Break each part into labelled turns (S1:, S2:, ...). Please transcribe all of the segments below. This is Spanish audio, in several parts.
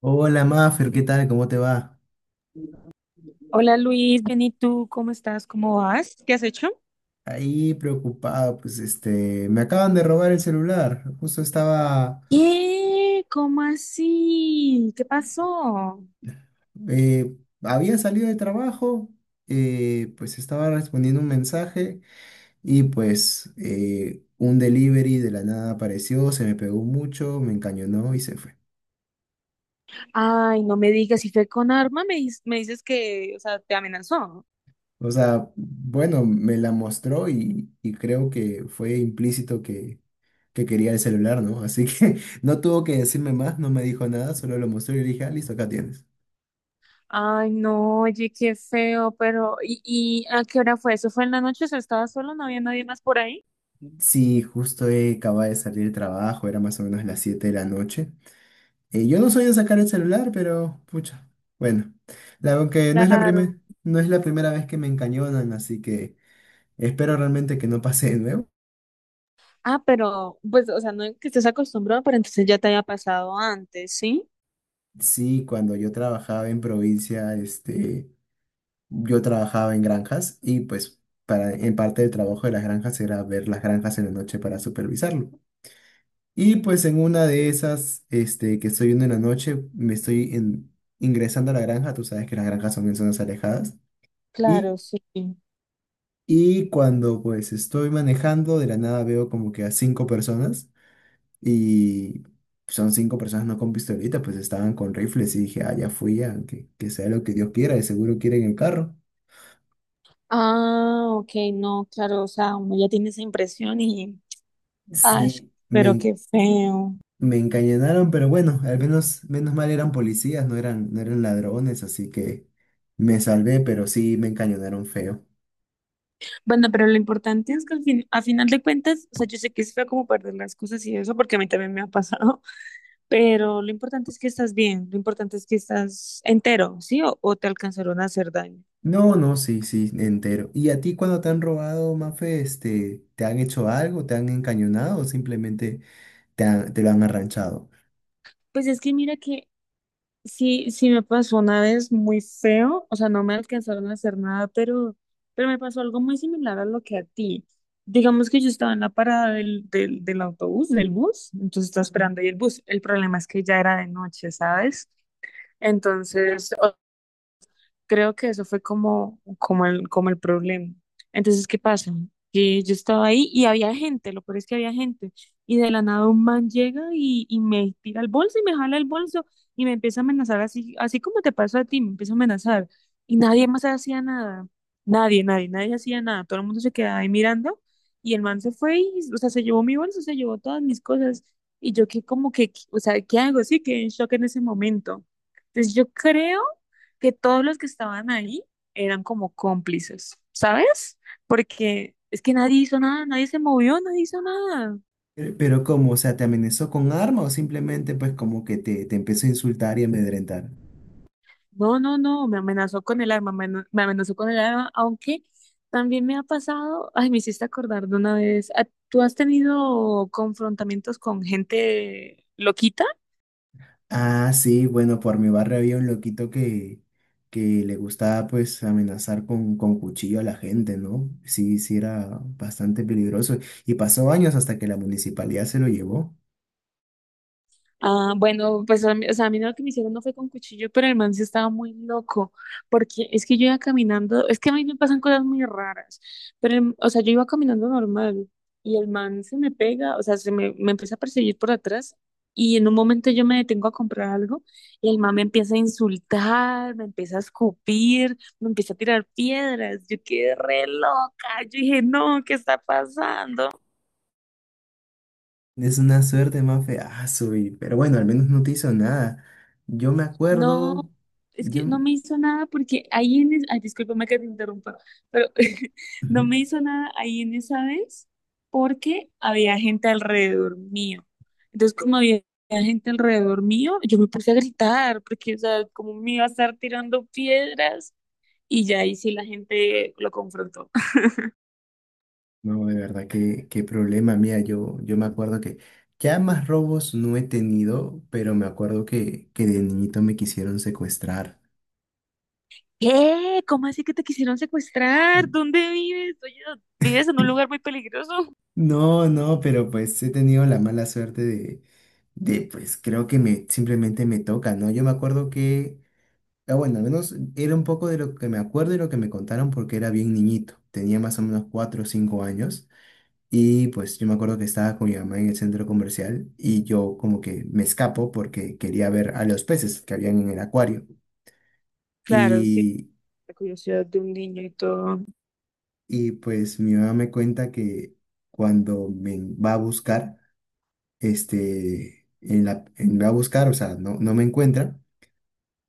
S1: Hola Maffer, ¿qué tal? ¿Cómo te va?
S2: Hola Luis, bien, ¿y tú? ¿Cómo estás? ¿Cómo vas? ¿Qué has hecho?
S1: Ahí preocupado, pues me acaban de robar el celular.
S2: ¿Qué? ¿Cómo así? ¿Qué pasó?
S1: Eh, Había salido de trabajo, pues estaba respondiendo un mensaje y pues un delivery de la nada apareció, se me pegó mucho, me encañonó y se fue.
S2: Ay, no me digas, si fue con arma, me dices que, o sea, te amenazó.
S1: O sea, bueno, me la mostró y creo que fue implícito que quería el celular, ¿no? Así que no tuvo que decirme más, no me dijo nada, solo lo mostró y le dije, ah, listo, acá tienes.
S2: Ay, no, oye, qué feo, pero ¿y a qué hora fue? ¿Eso fue en la noche? ¿O sea, estabas solo? ¿No había nadie más por ahí?
S1: Sí, justo acababa de salir del trabajo, era más o menos las 7 de la noche. Yo no soy de sacar el celular, pero pucha, bueno, aunque
S2: Claro.
S1: no es la primera vez que me encañonan, así que espero realmente que no pase de nuevo.
S2: Ah, pero, pues, o sea, no es que estés acostumbrado, pero entonces ya te había pasado antes, ¿sí?
S1: Sí, cuando yo trabajaba en provincia, yo trabajaba en granjas y pues en parte del trabajo de las granjas era ver las granjas en la noche para supervisarlo. Y pues en una de esas, que estoy viendo en la noche, ingresando a la granja. Tú sabes que las granjas son en zonas alejadas,
S2: Claro,
S1: y,
S2: sí.
S1: y cuando pues estoy manejando, de la nada veo como que a 5 personas, y son 5 personas no con pistolita, pues estaban con rifles, y dije, ah, ya fui, ya, que sea lo que Dios quiera, de seguro quieren el carro.
S2: Ah, ok, no, claro, o sea, uno ya tiene esa impresión y. Ay,
S1: Sí,
S2: pero
S1: me,
S2: qué feo.
S1: Me encañonaron, pero bueno, al menos, menos mal eran policías, no eran ladrones, así que me salvé, pero sí me encañonaron feo.
S2: Bueno, pero lo importante es que al fin, a final de cuentas, o sea, yo sé que es feo como perder las cosas y eso, porque a mí también me ha pasado, pero lo importante es que estás bien, lo importante es que estás entero, ¿sí? O te alcanzaron a hacer daño.
S1: No, no, sí, sí, entero. ¿Y a ti cuando te han robado, Mafe, te han hecho algo, te han encañonado o simplemente te lo han arranchado?
S2: Pues es que mira que sí, sí me pasó una vez muy feo, o sea, no me alcanzaron a hacer nada, pero me pasó algo muy similar a lo que a ti. Digamos que yo estaba en la parada del autobús, del bus, entonces estaba esperando ahí el bus. El problema es que ya era de noche, ¿sabes? Entonces, creo que eso fue como, como el problema. Entonces, ¿qué pasa? Que yo estaba ahí y había gente, lo peor es que había gente. Y de la nada un man llega y me tira el bolso y me jala el bolso y me empieza a amenazar así, así como te pasó a ti, me empieza a amenazar. Y nadie más hacía nada. Nadie, nadie, nadie hacía nada. Todo el mundo se quedaba ahí mirando y el man se fue y, o sea, se llevó mi bolso, se llevó todas mis cosas. Y yo que como que, o sea, ¿qué hago? Sí, quedé en shock en ese momento. Entonces yo creo que todos los que estaban ahí eran como cómplices, ¿sabes? Porque es que nadie hizo nada, nadie se movió, nadie hizo nada.
S1: Pero, ¿cómo? O sea, ¿te amenazó con arma o simplemente pues como que te empezó a insultar y amedrentar?
S2: No, no, no, me amenazó con el arma, me amenazó con el arma, aunque también me ha pasado, ay, me hiciste acordar de una vez, ¿a- ¿tú has tenido confrontamientos con gente loquita?
S1: Ah, sí, bueno, por mi barrio había un loquito que le gustaba pues amenazar con cuchillo a la gente, ¿no? Sí, sí era bastante peligroso y pasó años hasta que la municipalidad se lo llevó.
S2: Ah, bueno, pues a mí, o sea, a mí lo que me hicieron no fue con cuchillo, pero el man sí estaba muy loco, porque es que yo iba caminando, es que a mí me pasan cosas muy raras, pero, el- o sea, yo iba caminando normal y el man se me pega, o sea, me empieza a perseguir por atrás y en un momento yo me detengo a comprar algo y el man me empieza a insultar, me empieza a escupir, me empieza a tirar piedras, yo quedé re loca, yo dije, no, ¿qué está pasando?
S1: Es una suerte más fea, pero bueno, al menos no te hizo nada. Yo me
S2: No,
S1: acuerdo,
S2: es
S1: yo,
S2: que no me hizo nada porque ahí en... es- Ay, discúlpame que te interrumpa, pero no me hizo nada ahí en esa vez porque había gente alrededor mío. Entonces, como había gente alrededor mío, yo me puse a gritar porque, o sea, como me iba a estar tirando piedras y ya ahí sí la gente lo confrontó.
S1: No, de verdad, qué problema, mía, yo me acuerdo que ya más robos no he tenido, pero me acuerdo que de niñito me quisieron secuestrar.
S2: ¿Qué? ¿Cómo así que te quisieron secuestrar? ¿Dónde vives? Oye, ¿vives en un lugar muy peligroso?
S1: No, no, pero pues he tenido la mala suerte de pues creo que me simplemente me toca, ¿no? Yo me acuerdo que, Ah, bueno, al menos era un poco de lo que me acuerdo y lo que me contaron porque era bien niñito, tenía más o menos 4 o 5 años y pues yo me acuerdo que estaba con mi mamá en el centro comercial y yo como que me escapo porque quería ver a los peces que habían en el acuario
S2: Claro, sí,
S1: y,
S2: la curiosidad de un niño y todo.
S1: y pues mi mamá me cuenta que cuando me va a buscar, me va a buscar, o sea, no me encuentra.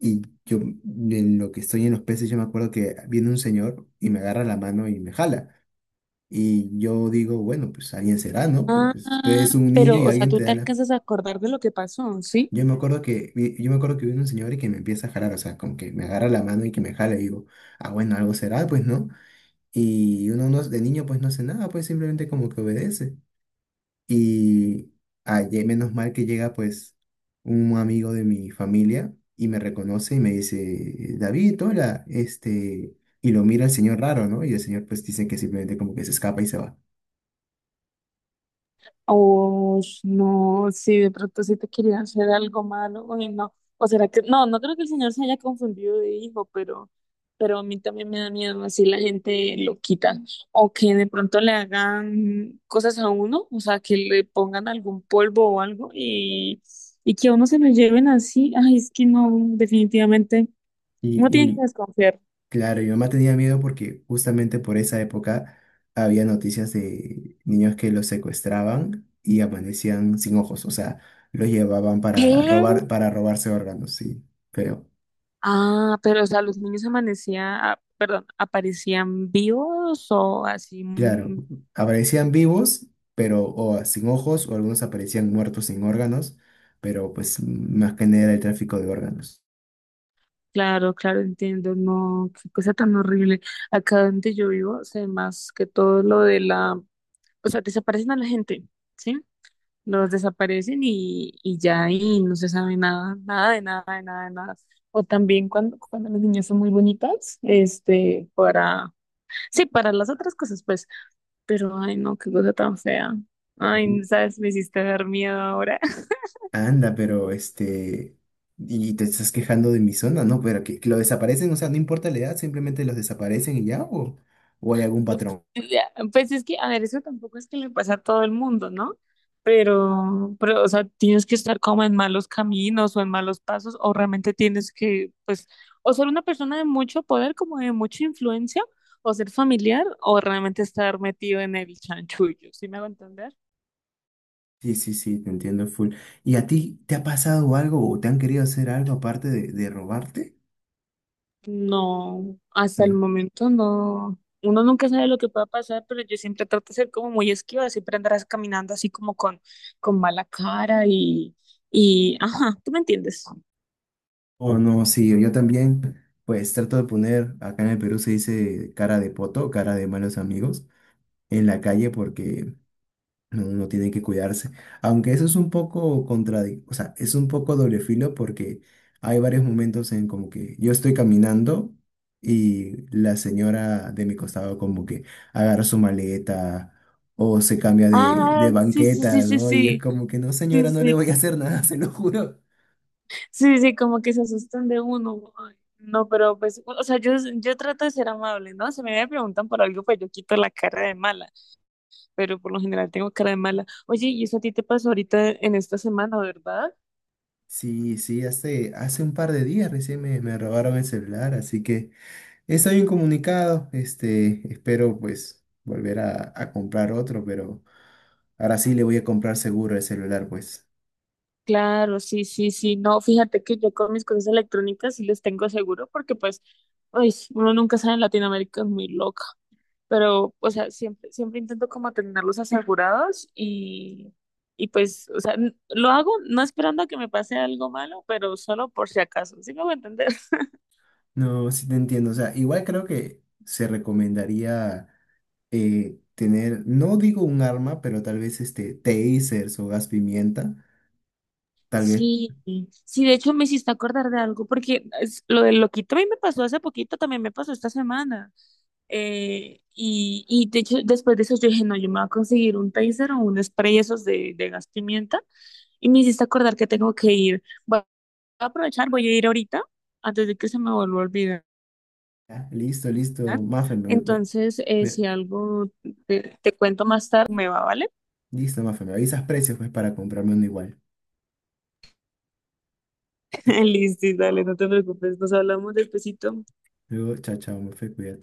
S1: Y yo, en lo que estoy en los peces, yo me acuerdo que viene un señor y me agarra la mano y me jala. Y yo digo, bueno, pues alguien será, ¿no?
S2: Ah,
S1: Porque tú eres un niño
S2: pero,
S1: y
S2: o sea,
S1: alguien
S2: tú
S1: te
S2: te
S1: da la...
S2: alcanzas a acordar de lo que pasó, ¿sí?
S1: Yo me acuerdo yo me acuerdo que viene un señor y que me empieza a jalar, o sea, como que me agarra la mano y que me jala. Y digo, ah, bueno, algo será, pues, ¿no? Y uno no, de niño, pues, no hace nada, pues, simplemente como que obedece. Y ayer, menos mal que llega pues un amigo de mi familia y me reconoce y me dice, David, hola, y lo mira el señor raro, ¿no? Y el señor pues dice que simplemente como que se escapa y se va.
S2: O no, si de pronto sí te quería hacer algo malo, o no. O será que, no, no creo que el señor se haya confundido de hijo, pero a mí también me da miedo así la gente lo quita. O que de pronto le hagan cosas a uno, o sea, que le pongan algún polvo o algo y que a uno se lo lleven así. Ay, es que no, definitivamente, no tiene que
S1: Y
S2: desconfiar.
S1: claro, mi mamá tenía miedo porque justamente por esa época había noticias de niños que los secuestraban y amanecían sin ojos, o sea, los llevaban para
S2: ¿Qué?
S1: robar, para robarse órganos, sí, feo.
S2: Ah, pero o sea, los niños amanecían, ah, perdón, aparecían vivos o así.
S1: Claro,
S2: Mm,
S1: aparecían vivos, pero o sin ojos, o algunos aparecían muertos sin órganos, pero pues más que nada era el tráfico de órganos.
S2: claro, claro, entiendo. No, qué cosa tan horrible. Acá donde yo vivo, sé más que todo lo de la, o sea, desaparecen a la gente, ¿sí? Los desaparecen y ya y no se sabe nada, nada de nada, de nada, de nada. O también cuando las niñas son muy bonitas, este, para, sí, para las otras cosas, pues. Pero, ay, no, qué cosa tan fea.
S1: Ujú.
S2: Ay, sabes, me hiciste ver miedo ahora.
S1: Anda, pero y te estás quejando de mi zona, ¿no? Pero que lo desaparecen, o sea, no importa la edad, simplemente los desaparecen y ya, o hay algún patrón.
S2: Ya, pues es que, a ver, eso tampoco es que le pasa a todo el mundo, ¿no? Pero, o sea, tienes que estar como en malos caminos o en malos pasos, o realmente tienes que, pues, o ser una persona de mucho poder, como de mucha influencia, o ser familiar, o realmente estar metido en el chanchullo, ¿sí me hago entender?
S1: Sí, sí, sí, te entiendo full. ¿Y a ti te ha pasado algo o te han querido hacer algo aparte de robarte?
S2: No, hasta el momento no. Uno nunca sabe lo que pueda pasar, pero yo siempre trato de ser como muy esquiva, siempre andarás caminando así como con mala cara y, ajá, ¿tú me entiendes?
S1: Oh, no, sí, yo también, pues trato de poner, acá en el Perú se dice cara de poto, cara de malos amigos, en la calle porque no, uno tiene que cuidarse. Aunque eso es un poco contradictorio, o sea, es un poco doble filo porque hay varios momentos en como que yo estoy caminando y la señora de mi costado como que agarra su maleta o se cambia
S2: Ah,
S1: de
S2: sí, sí, sí,
S1: banqueta,
S2: sí,
S1: ¿no? Y es
S2: sí,
S1: como que no,
S2: sí,
S1: señora, no le
S2: sí,
S1: voy a hacer nada, se lo juro.
S2: sí, sí, como que se asustan de uno. Ay, no, pero pues, o sea, yo trato de ser amable, ¿no? Si me preguntan por algo, pues yo quito la cara de mala, pero por lo general tengo cara de mala. Oye, y eso a ti te pasó ahorita en esta semana, ¿verdad?
S1: Sí, sí, hace un par de días recién me robaron el celular, así que estoy incomunicado. Espero pues volver a comprar otro, pero ahora sí le voy a comprar seguro el celular, pues.
S2: Claro, sí, sí, sí. No, fíjate que yo con mis cosas electrónicas sí les tengo seguro porque pues, ay, uno nunca sabe en Latinoamérica, es muy loca. Pero, o sea, siempre, siempre intento como tenerlos asegurados y pues, o sea, n- lo hago no esperando a que me pase algo malo, pero solo por si acaso. ¿Sí me voy a entender?
S1: No, sí te entiendo. O sea, igual creo que se recomendaría tener, no digo un arma, pero tal vez este tasers o gas pimienta. Tal vez.
S2: Sí, sí, de hecho me hiciste acordar de algo, porque es- lo del loquito a mí me pasó hace poquito, también me pasó esta semana. Y de hecho, después de eso yo dije, no, yo me voy a conseguir un taser o un spray esos de gas pimienta. Y me hiciste acordar que tengo que ir. Voy a aprovechar, voy a ir ahorita, antes de que se me vuelva a olvidar.
S1: Ya, listo, listo, Mafe,
S2: Entonces,
S1: me-
S2: si algo te cuento más tarde, me va, ¿vale?
S1: listo, Mafe, me avisas precios pues para comprarme uno igual.
S2: Listo, dale, no te preocupes, nos hablamos despacito.
S1: Luego, chao, chao, Mefe, cuídate.